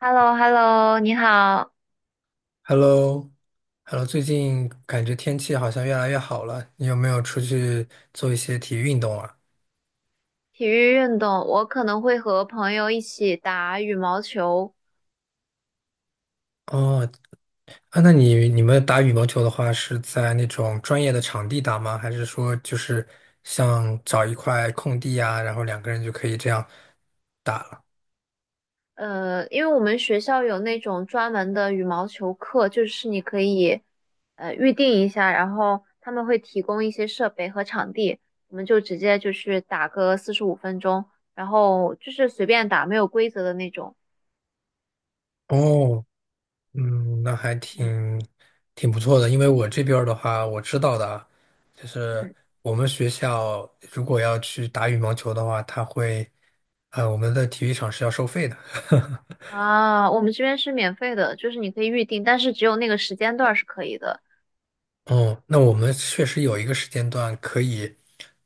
h e l l o h e l l o 你好。Hello,Hello,最近感觉天气好像越来越好了，你有没有出去做一些体育运动啊？体育运动，我可能会和朋友一起打羽毛球。哦，啊，那你们打羽毛球的话，是在那种专业的场地打吗？还是说就是像找一块空地啊，然后两个人就可以这样打了？因为我们学校有那种专门的羽毛球课，就是你可以预定一下，然后他们会提供一些设备和场地，我们就直接就是打个45分钟，然后就是随便打，没有规则的那种。哦，嗯，那还嗯挺不错的，因为我这边儿的话，我知道的啊，就是嗯。我们学校如果要去打羽毛球的话，它会，我们的体育场是要收费的。啊，我们这边是免费的，就是你可以预定，但是只有那个时间段儿是可以的。哦，那我们确实有一个时间段可以，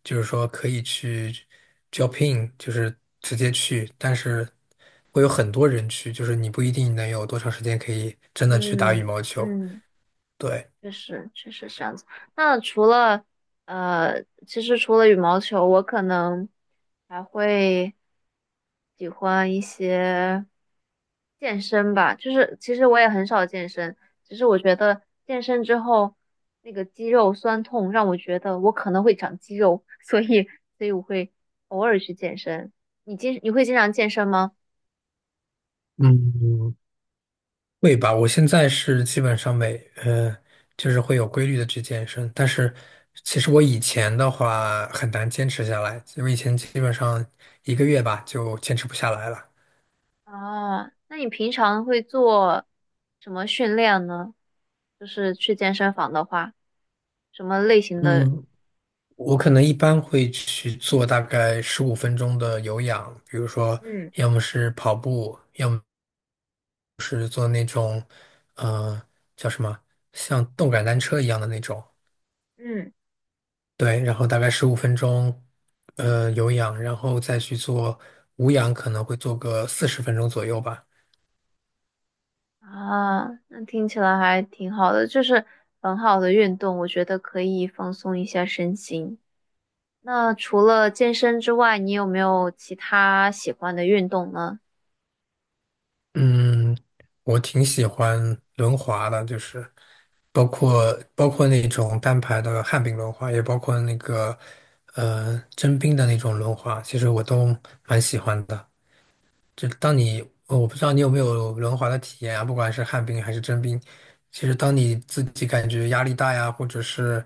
就是说可以去 Jopin，就是直接去，但是会有很多人去，就是你不一定能有多长时间可以真的去打羽嗯毛球。嗯。对。确实，确实是这样子。那除了呃，其实除了羽毛球，我可能还会喜欢一些健身吧。就是其实我也很少健身，只是我觉得健身之后那个肌肉酸痛让我觉得我可能会长肌肉，所以我会偶尔去健身。你会经常健身吗？嗯，会吧，我现在是基本上每就是会有规律的去健身，但是其实我以前的话很难坚持下来，我以前基本上1个月吧就坚持不下来了。啊，那你平常会做什么训练呢？就是去健身房的话，什么类型的？嗯，我可能一般会去做大概十五分钟的有氧，比如说嗯要么是跑步，要么是做那种呃叫什么像动感单车一样的那种。嗯。对，然后大概十五分钟，呃，有氧，然后再去做无氧，可能会做个40分钟左右吧。啊，那听起来还挺好的，就是很好的运动，我觉得可以放松一下身心。那除了健身之外，你有没有其他喜欢的运动呢？嗯，我挺喜欢轮滑的，就是包括那种单排的旱冰轮滑，也包括那个真冰的那种轮滑，其实我都蛮喜欢的。就是当你，我不知道你有没有轮滑的体验啊，不管是旱冰还是真冰，其实当你自己感觉压力大呀，或者是，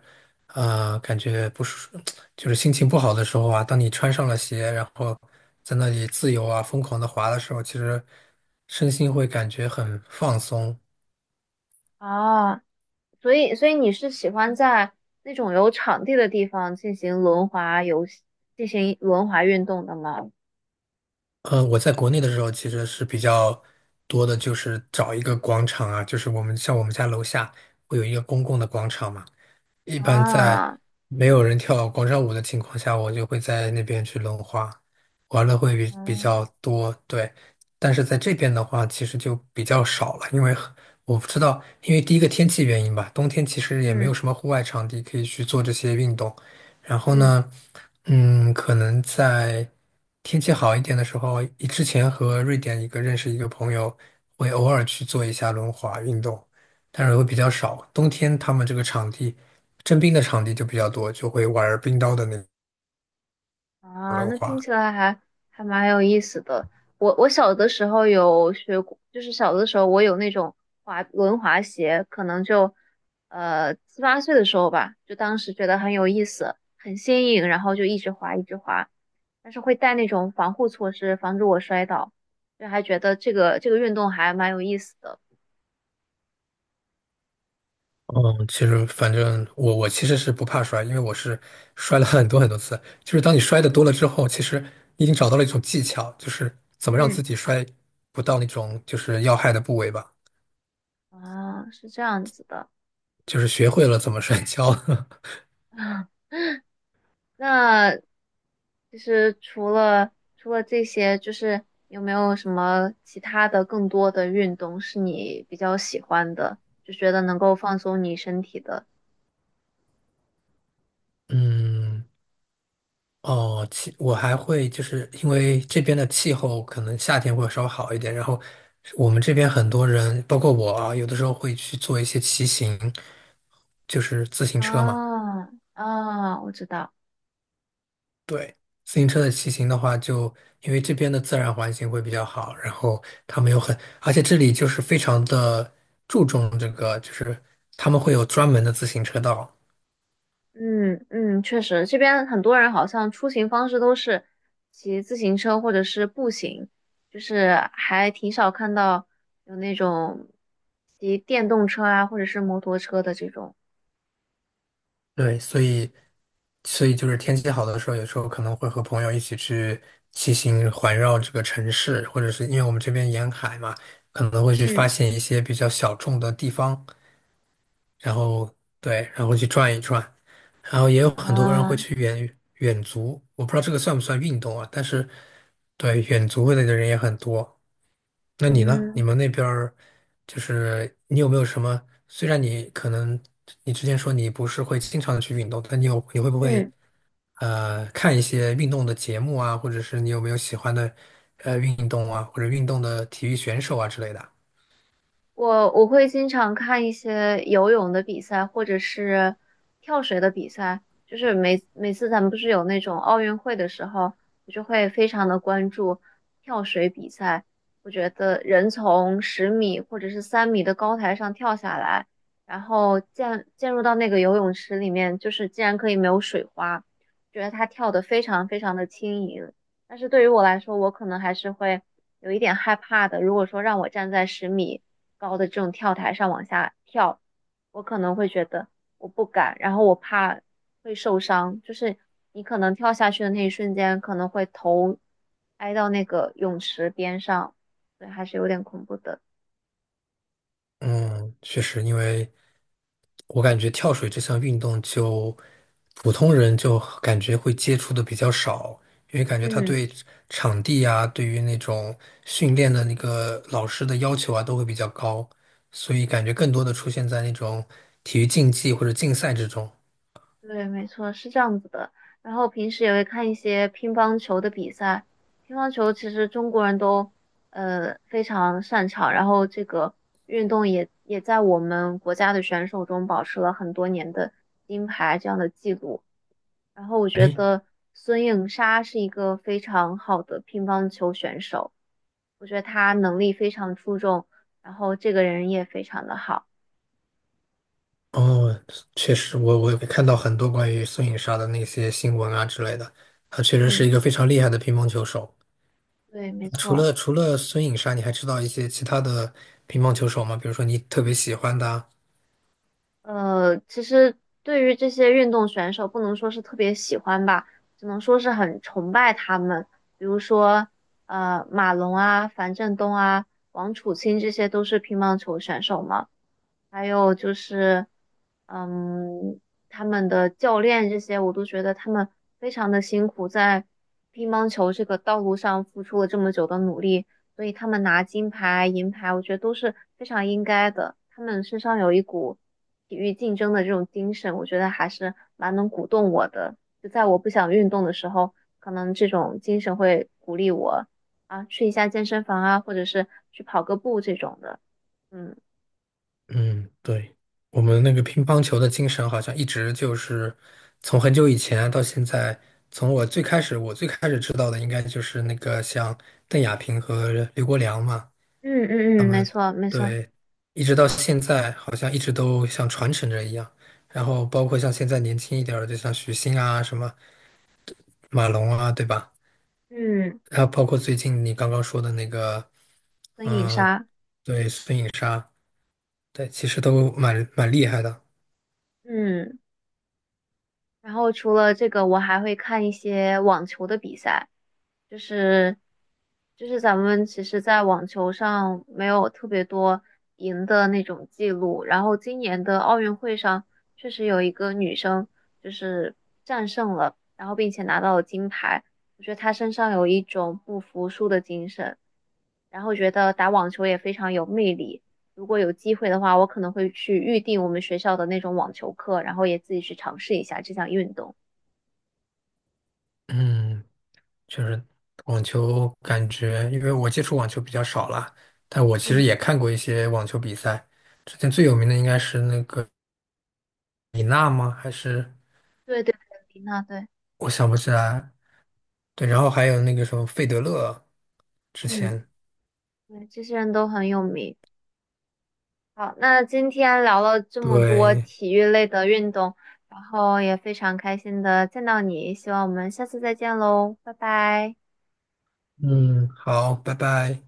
感觉不舒，就是心情不好的时候啊，当你穿上了鞋，然后在那里自由啊、疯狂的滑的时候，其实身心会感觉很放松。啊，所以你是喜欢在那种有场地的地方进行轮滑运动的吗？呃，我在国内的时候其实是比较多的，就是找一个广场啊，就是像我们家楼下会有一个公共的广场嘛。一般在啊，没有人跳广场舞的情况下，我就会在那边去轮滑，玩的会比比嗯较多，对。但是在这边的话，其实就比较少了，因为我不知道，因为第一个天气原因吧，冬天其实也没有嗯什么户外场地可以去做这些运动。然后嗯。呢，嗯，可能在天气好一点的时候，之前和瑞典认识一个朋友，会偶尔去做一下轮滑运动，但是会比较少。冬天他们这个场地。征兵的场地就比较多，就会玩冰刀的那。啊，那听起来还蛮有意思的。我小的时候有学过，就是小的时候我有那种滑轮滑鞋，可能就七八岁的时候吧，就当时觉得很有意思，很新颖，然后就一直滑一直滑，但是会带那种防护措施，防止我摔倒，就还觉得这个运动还蛮有意思的。嗯，其实反正我其实是不怕摔，因为我是摔了很多很多次。就是当你摔的多了之后，其实你已经找到了一种技巧，就是怎么让嗯。自己摔不到那种就是要害的部位吧，啊，是这样子的。就是学会了怎么摔跤。那其实除了这些，就是有没有什么其他的更多的运动是你比较喜欢的，就觉得能够放松你身体的？嗯，哦，我还会就是因为这边的气候可能夏天会稍微好一点，然后我们这边很多人，包括我啊，有的时候会去做一些骑行，就是自行车嘛。啊啊，我知道。对，自行车的骑行的话就，因为这边的自然环境会比较好，然后他们有很，而且这里就是非常的注重这个，就是他们会有专门的自行车道。嗯嗯，确实，这边很多人好像出行方式都是骑自行车或者是步行，就是还挺少看到有那种骑电动车啊或者是摩托车的这种。对，所以就是天气好的时候，有时候可能会和朋友一起去骑行环绕这个城市，或者是因为我们这边沿海嘛，可能会去嗯。发现一些比较小众的地方，然后对，然后去转一转，然后也有很多人会啊，去远足，我不知道这个算不算运动啊，但是对远足的人也很多。那你呢？你嗯。们那边儿就是你有没有什么？虽然你可能你之前说你不是会经常的去运动，但你会不会嗯，看一些运动的节目啊，或者是你有没有喜欢的运动啊，或者运动的体育选手啊之类的？我会经常看一些游泳的比赛，或者是跳水的比赛。就是每次咱们不是有那种奥运会的时候，我就会非常的关注跳水比赛。我觉得人从十米或者是3米的高台上跳下来，然后溅入到那个游泳池里面，就是竟然可以没有水花，觉得他跳得非常非常的轻盈。但是对于我来说，我可能还是会有一点害怕的。如果说让我站在十米高的这种跳台上往下跳，我可能会觉得我不敢，然后我怕会受伤。就是你可能跳下去的那一瞬间，可能会头挨到那个泳池边上，对，还是有点恐怖的。嗯，确实，因为我感觉跳水这项运动就普通人就感觉会接触的比较少，因为感觉他嗯。对场地啊，对于那种训练的那个老师的要求啊，都会比较高，所以感觉更多的出现在那种体育竞技或者竞赛之中。对，没错，是这样子的。然后平时也会看一些乒乓球的比赛，乒乓球其实中国人都非常擅长，然后这个运动也在我们国家的选手中保持了很多年的金牌这样的记录。然后我觉哎，得孙颖莎是一个非常好的乒乓球选手，我觉得她能力非常出众，然后这个人也非常的好。哦，确实我有看到很多关于孙颖莎的那些新闻啊之类的，她确实是嗯，一个非常厉害的乒乓球手。对，没除错。了除了孙颖莎，你还知道一些其他的乒乓球手吗？比如说你特别喜欢的啊。其实对于这些运动选手，不能说是特别喜欢吧，只能说是很崇拜他们。比如说，马龙啊、樊振东啊、王楚钦，这些都是乒乓球选手嘛。还有就是，嗯，他们的教练这些，我都觉得他们非常的辛苦，在乒乓球这个道路上付出了这么久的努力，所以他们拿金牌、银牌，我觉得都是非常应该的。他们身上有一股体育竞争的这种精神，我觉得还是蛮能鼓动我的。就在我不想运动的时候，可能这种精神会鼓励我啊，去一下健身房啊，或者是去跑个步这种的。嗯。嗯，对，我们那个乒乓球的精神好像一直就是从很久以前到现在，从我最开始知道的应该就是那个像邓亚萍和刘国梁嘛，嗯他嗯嗯，没们错没错。对，一直到现在好像一直都像传承着一样，然后包括像现在年轻一点儿的，就像许昕啊、什么马龙啊，对吧？嗯，还有包括最近你刚刚说的那个，灯影嗯，杀。对，孙颖莎，对，其实都蛮厉害的。嗯，然后除了这个，我还会看一些网球的比赛，就是就是咱们其实，在网球上没有特别多赢的那种记录，然后今年的奥运会上确实有一个女生就是战胜了，然后并且拿到了金牌，我觉得她身上有一种不服输的精神。然后觉得打网球也非常有魅力。如果有机会的话，我可能会去预定我们学校的那种网球课，然后也自己去尝试一下这项运动。嗯，确实，网球感觉，因为我接触网球比较少了，但我其实嗯，也看过一些网球比赛。之前最有名的应该是那个李娜吗？还是对对对，那对。我想不起来。对，然后还有那个什么费德勒，之嗯，前。对，这些人都很有名。好，那今天聊了这么多对，体育类的运动，然后也非常开心的见到你，希望我们下次再见喽，拜拜。嗯，好，拜拜。